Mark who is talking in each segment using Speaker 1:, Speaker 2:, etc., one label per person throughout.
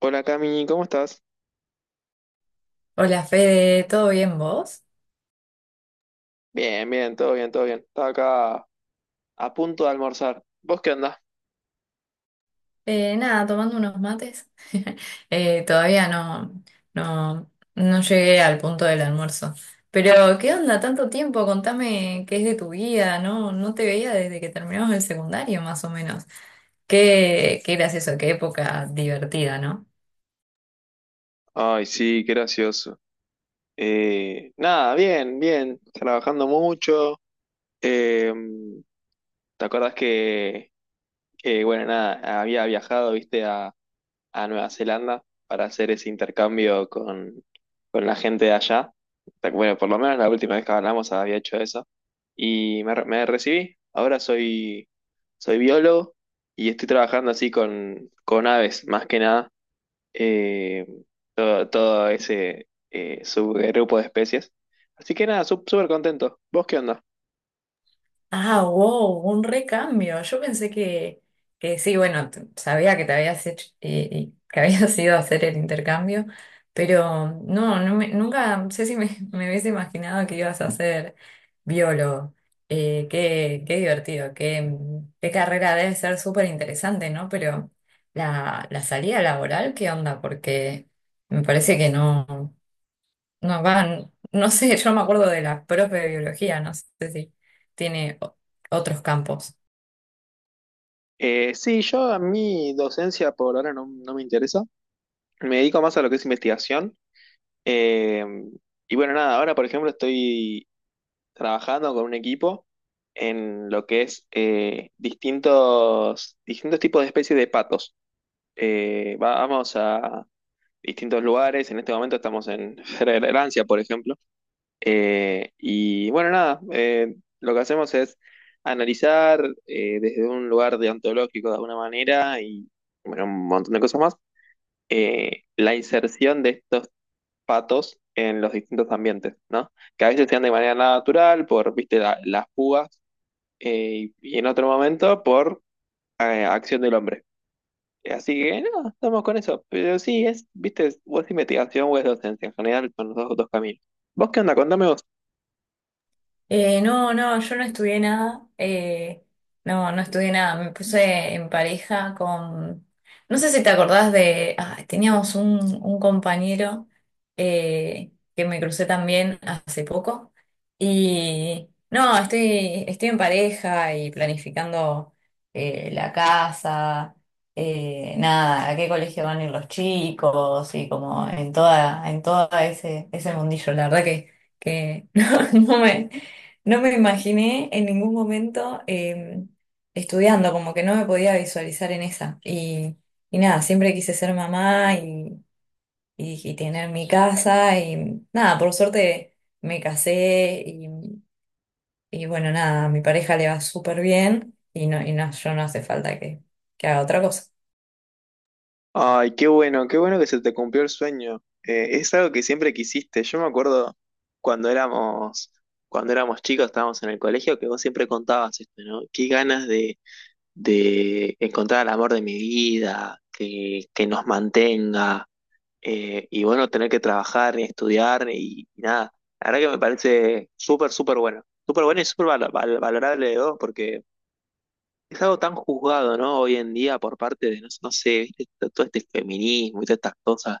Speaker 1: Hola Cami, ¿cómo estás?
Speaker 2: Hola Fede, ¿todo bien vos?
Speaker 1: Bien, bien, todo bien, todo bien. Estaba acá a punto de almorzar. ¿Vos qué andás?
Speaker 2: Nada, tomando unos mates. Todavía no llegué al punto del almuerzo. Pero, ¿qué onda? Tanto tiempo, contame qué es de tu vida, ¿no? No te veía desde que terminamos el secundario, más o menos. Qué gracioso, qué época divertida, ¿no?
Speaker 1: Ay, sí, qué gracioso. Nada, bien, bien. Trabajando mucho. Eh, ¿Te acordás que, bueno, nada, había viajado, viste, a Nueva Zelanda para hacer ese intercambio con la gente de allá. Pero bueno, por lo menos la última vez que hablamos había hecho eso. Me recibí. Ahora soy biólogo y estoy trabajando así con aves, más que nada. eh, todo ese subgrupo de especies. Así que nada, súper contento. ¿Vos qué onda?
Speaker 2: Ah, wow, un recambio. Yo pensé que sí, Bueno, sabía que te habías hecho, que habías ido a hacer el intercambio, pero nunca, no sé si me, me hubiese imaginado que ibas a ser biólogo. Qué divertido, qué carrera debe ser súper interesante, ¿no? Pero la salida laboral, ¿qué onda? Porque me parece que no. No van, no sé, yo me acuerdo de la profe de biología, no sé si tiene otros campos.
Speaker 1: Sí, yo a mi docencia por ahora no me interesa. Me dedico más a lo que es investigación. Eh, y bueno, nada, ahora por ejemplo estoy trabajando con un equipo en lo que es distintos tipos de especies de patos. Vamos a distintos lugares, en este momento estamos en Francia, por ejemplo. Y bueno, nada, lo que hacemos es analizar desde un lugar deontológico de alguna manera y bueno, un montón de cosas más. La inserción de estos patos en los distintos ambientes, ¿no? Que a veces sean de manera natural por, viste, las púas y en otro momento por acción del hombre. Así que, no, estamos con eso. Pero sí, es, viste, o es investigación o es docencia. En general son los dos caminos. ¿Vos qué onda? Contame vos.
Speaker 2: No, yo no estudié nada. No estudié nada. Me puse en pareja con. No sé si te acordás de. Ah, teníamos un compañero que me crucé también hace poco. Y no, estoy en pareja y planificando la casa. Nada, a qué colegio van a ir los chicos y como en en todo ese mundillo. La verdad que no, no me, no me imaginé en ningún momento estudiando, como que no me podía visualizar en esa. Y nada, siempre quise ser mamá y, y tener mi casa. Y nada, por suerte me casé y bueno, nada, a mi pareja le va súper bien y no, yo no hace falta que haga otra cosa.
Speaker 1: Ay, qué bueno que se te cumplió el sueño. Es algo que siempre quisiste. Yo me acuerdo cuando éramos, cuando éramos chicos, estábamos en el colegio, que vos siempre contabas esto, ¿no? Qué ganas de encontrar el amor de mi vida, que nos mantenga, y bueno, tener que trabajar, estudiar y nada. La verdad que me parece súper, súper bueno. Súper bueno y súper valorable de vos, porque es algo tan juzgado, ¿no? Hoy en día por parte de, no sé, viste, todo este feminismo y todas estas cosas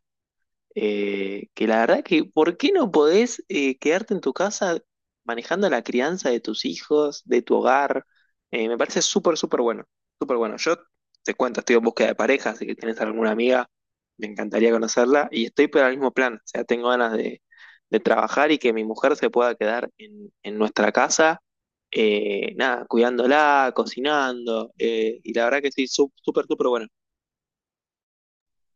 Speaker 1: que la verdad que, ¿por qué no podés quedarte en tu casa manejando la crianza de tus hijos, de tu hogar? Me parece súper, súper bueno, súper bueno. Yo te cuento, estoy en búsqueda de pareja, así que tienes alguna amiga, me encantaría conocerla y estoy por el mismo plan, o sea, tengo ganas de trabajar y que mi mujer se pueda quedar en nuestra casa, nada, cuidándola, cocinando, y la verdad que sí, súper, súper bueno.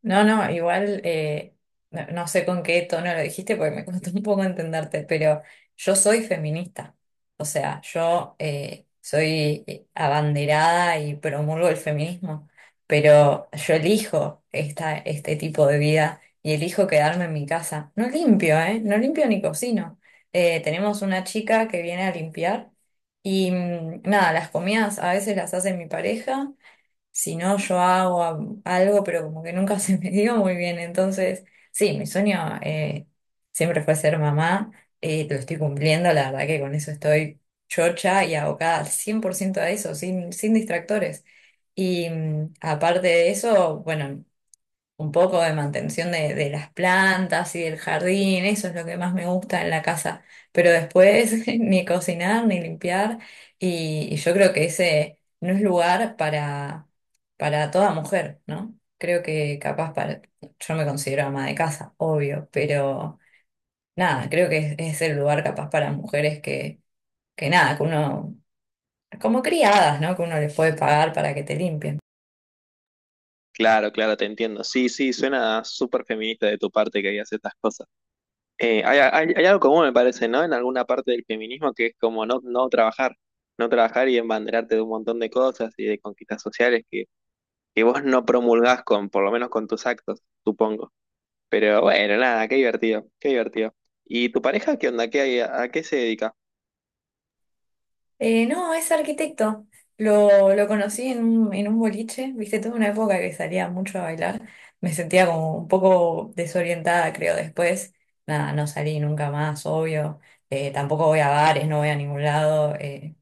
Speaker 2: No, no, igual no sé con qué tono lo dijiste porque me costó un poco entenderte, pero yo soy feminista. O sea, yo soy abanderada y promulgo el feminismo, pero yo elijo este tipo de vida y elijo quedarme en mi casa. No limpio, ¿eh? No limpio ni cocino. Tenemos una chica que viene a limpiar y mm, nada, las comidas a veces las hace mi pareja. Si no, yo hago algo, pero como que nunca se me dio muy bien. Entonces, sí, mi sueño siempre fue ser mamá. Eh, lo estoy cumpliendo, la verdad que con eso estoy chocha y abocada al 100% a eso, sin distractores. Y mm, aparte de eso, bueno, un poco de mantención de las plantas y del jardín, eso es lo que más me gusta en la casa, pero después ni cocinar ni limpiar y yo creo que ese no es lugar para toda mujer, ¿no? Creo que capaz para, yo me considero ama de casa, obvio, pero nada, creo que es el lugar capaz para mujeres que nada, que uno, como criadas, ¿no? Que uno les puede pagar para que te limpien.
Speaker 1: Claro, claro, te entiendo. Sí, sí, suena súper feminista de tu parte que digas estas cosas. Hay algo común, me parece, ¿no? En alguna parte del feminismo que es como no trabajar, no trabajar y embanderarte de un montón de cosas y de conquistas sociales que vos no promulgás con, por lo menos con tus actos, supongo. Pero bueno, nada, qué divertido, qué divertido. ¿Y tu pareja qué onda? ¿Qué hay, a qué se dedica?
Speaker 2: No, es arquitecto. Lo conocí en en un boliche, viste, tuve una época que salía mucho a bailar. Me sentía como un poco desorientada, creo, después. Nada, no salí nunca más, obvio. Tampoco voy a bares, no voy a ningún lado.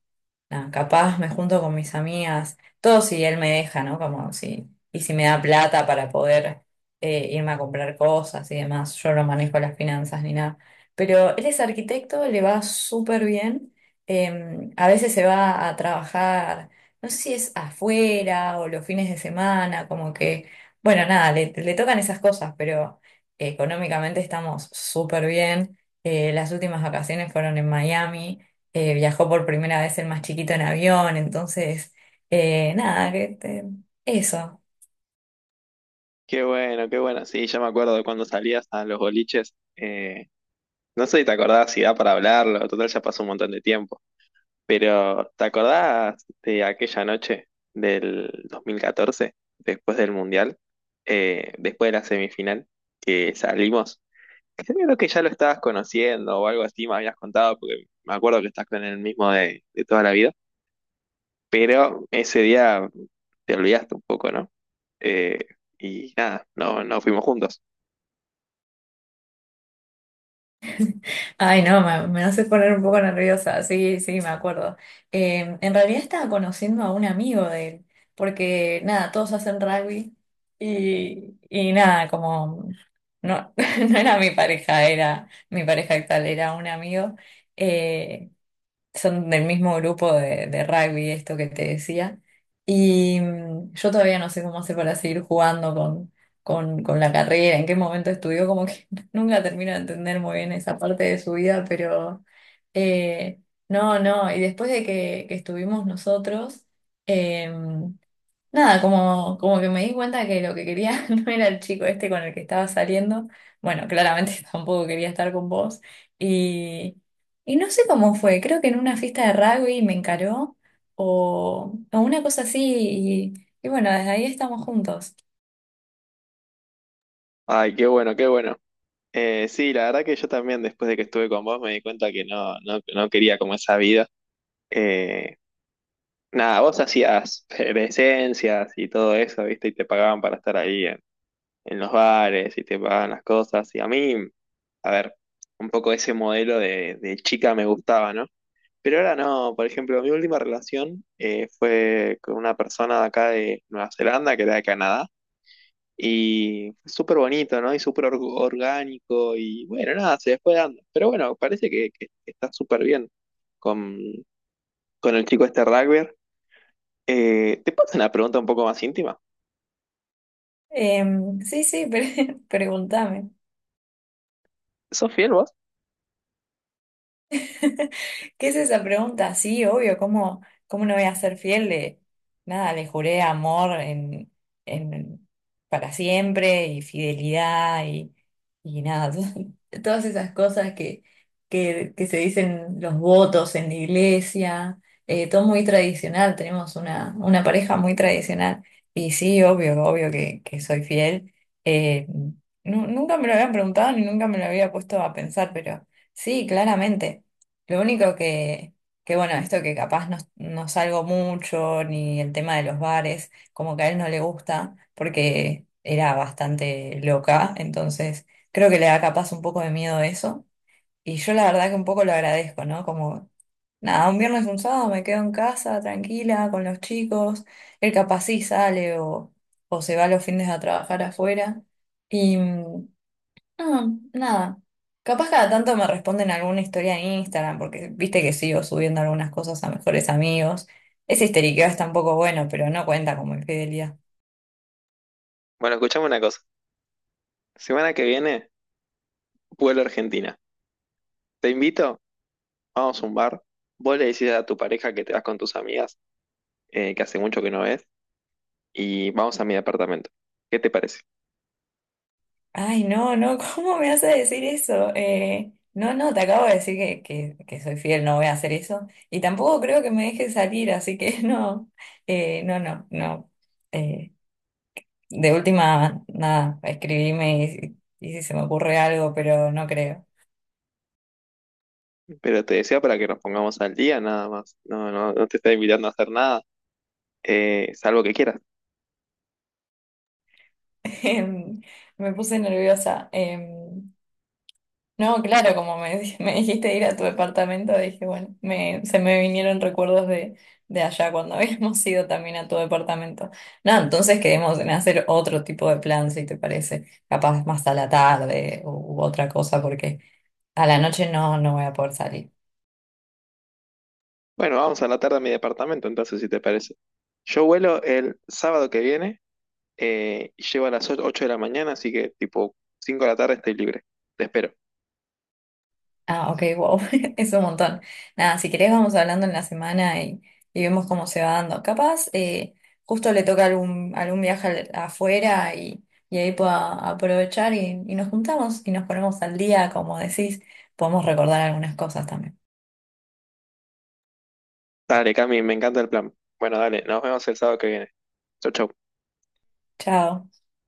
Speaker 2: Nada, capaz me junto con mis amigas, todo si él me deja, ¿no? Como si, y si me da plata para poder irme a comprar cosas y demás, yo no manejo las finanzas ni nada. Pero él es arquitecto, le va súper bien, a veces se va a trabajar, no sé si es afuera o los fines de semana, como que, bueno, nada, le tocan esas cosas, pero económicamente estamos súper bien. Las últimas vacaciones fueron en Miami, viajó por primera vez el más chiquito en avión, entonces, nada, que te- eso.
Speaker 1: Qué bueno, qué bueno. Sí, ya me acuerdo de cuando salías a los boliches. No sé si te acordás si da para hablarlo, total ya pasó un montón de tiempo. Pero, ¿te acordás de aquella noche del 2014 después del Mundial, después de la semifinal, que salimos? Creo que ya lo estabas conociendo o algo así, me habías contado, porque me acuerdo que estás con el mismo de toda la vida, pero ese día te olvidaste un poco, ¿no? Eh, y nada, no fuimos juntos.
Speaker 2: Ay, no, me hace poner un poco nerviosa, sí, sí, me acuerdo. En realidad estaba conociendo a un amigo de él, porque nada, todos hacen rugby y nada, como no, no era mi pareja, era mi pareja actual, era un amigo. Eh, son del mismo grupo de rugby, esto que te decía. Y mm, yo todavía no sé cómo hace para seguir jugando con la carrera, en qué momento estudió, como que nunca termino de entender muy bien esa parte de su vida, pero eh, no. Y después de que estuvimos nosotros, em, nada, como, como que me di cuenta que lo que quería no era el chico este con el que estaba saliendo. Bueno, claramente tampoco quería estar con vos. Y, y no sé cómo fue, creo que en una fiesta de rugby me encaró o una cosa así. Y bueno, desde ahí estamos juntos.
Speaker 1: Ay, qué bueno, qué bueno. Sí, la verdad que yo también después de que estuve con vos me di cuenta que no quería como esa vida. Eh, Nada, vos hacías presencias y todo eso, ¿viste? Y te pagaban para estar ahí en los bares y te pagaban las cosas. Y a mí, a ver, un poco ese modelo de chica me gustaba, ¿no? Pero ahora no, por ejemplo, mi última relación fue con una persona de acá de Nueva Zelanda, que era de Canadá, y fue súper bonito, ¿no? Y súper orgánico y bueno, nada, se fue dando. Pero bueno, parece que está súper bien con, con el chico este rugby. ¿Te puedo hacer una pregunta un poco más íntima?
Speaker 2: Em, sí, sí, pregúntame.
Speaker 1: ¿Sos fiel vos?
Speaker 2: ¿Qué es esa pregunta? Sí, obvio, ¿cómo, cómo no voy a ser fiel de nada? Le juré amor en, en- para siempre y fidelidad y nada, todas esas cosas que se dicen los votos en la iglesia, todo muy tradicional, tenemos una pareja muy tradicional y sí, obvio, obvio que soy fiel. Eh, nunca me lo habían preguntado ni nunca me lo había puesto a pensar, pero sí, claramente. Lo único que bueno, esto que capaz no, no salgo mucho, ni el tema de los bares, como que a él no le gusta, porque era bastante loca, entonces creo que le da capaz un poco de miedo eso. Y yo la verdad que un poco lo agradezco, ¿no? Como, nada, un viernes, un sábado me quedo en casa, tranquila, con los chicos, él capaz sí sale o se va los fines a trabajar afuera. No, nada. Capaz cada tanto me responden alguna historia en Instagram, porque viste que sigo subiendo algunas cosas a mejores amigos. Ese histeriqueo está un poco bueno, pero no cuenta como infidelidad.
Speaker 1: Bueno, escuchame una cosa. Semana que viene, vuelo a Argentina. Te invito, vamos a un bar. Vos le decís a tu pareja que te vas con tus amigas, que hace mucho que no ves, y vamos a mi departamento. ¿Qué te parece?
Speaker 2: Ay, no, no, ¿cómo me hace decir eso? No, no, te acabo de decir que soy fiel, no voy a hacer eso. Y tampoco creo que me deje salir, así que no, no, no, no. Eh, de última, nada, escribime y si se me ocurre algo, pero no creo.
Speaker 1: Pero te decía para que nos pongamos al día, nada más. No, no, no te estoy invitando a hacer nada, salvo que quieras.
Speaker 2: Em, me puse nerviosa. Em, no, claro, como me, me dijiste ir a tu departamento, dije, bueno, me, se me vinieron recuerdos de allá cuando habíamos ido también a tu departamento. No, entonces quedemos en hacer otro tipo de plan, si te parece, capaz más a la tarde u, u otra cosa, porque a la noche no, no voy a poder salir.
Speaker 1: Bueno, vamos a la tarde a mi departamento, entonces, si te parece. Yo vuelo el sábado que viene. Y llego a las 8 de la mañana, así que tipo 5 de la tarde estoy libre. Te espero.
Speaker 2: Ah, ok, wow, es un montón. Nada, si querés vamos hablando en la semana y vemos cómo se va dando. Capaz, justo le toca algún, afuera y ahí pueda aprovechar y nos juntamos y nos ponemos al día, como decís, podemos recordar algunas cosas también.
Speaker 1: Dale, Cami, me encanta el plan. Bueno, dale, nos vemos el sábado que viene. Chau, chau.
Speaker 2: Chao.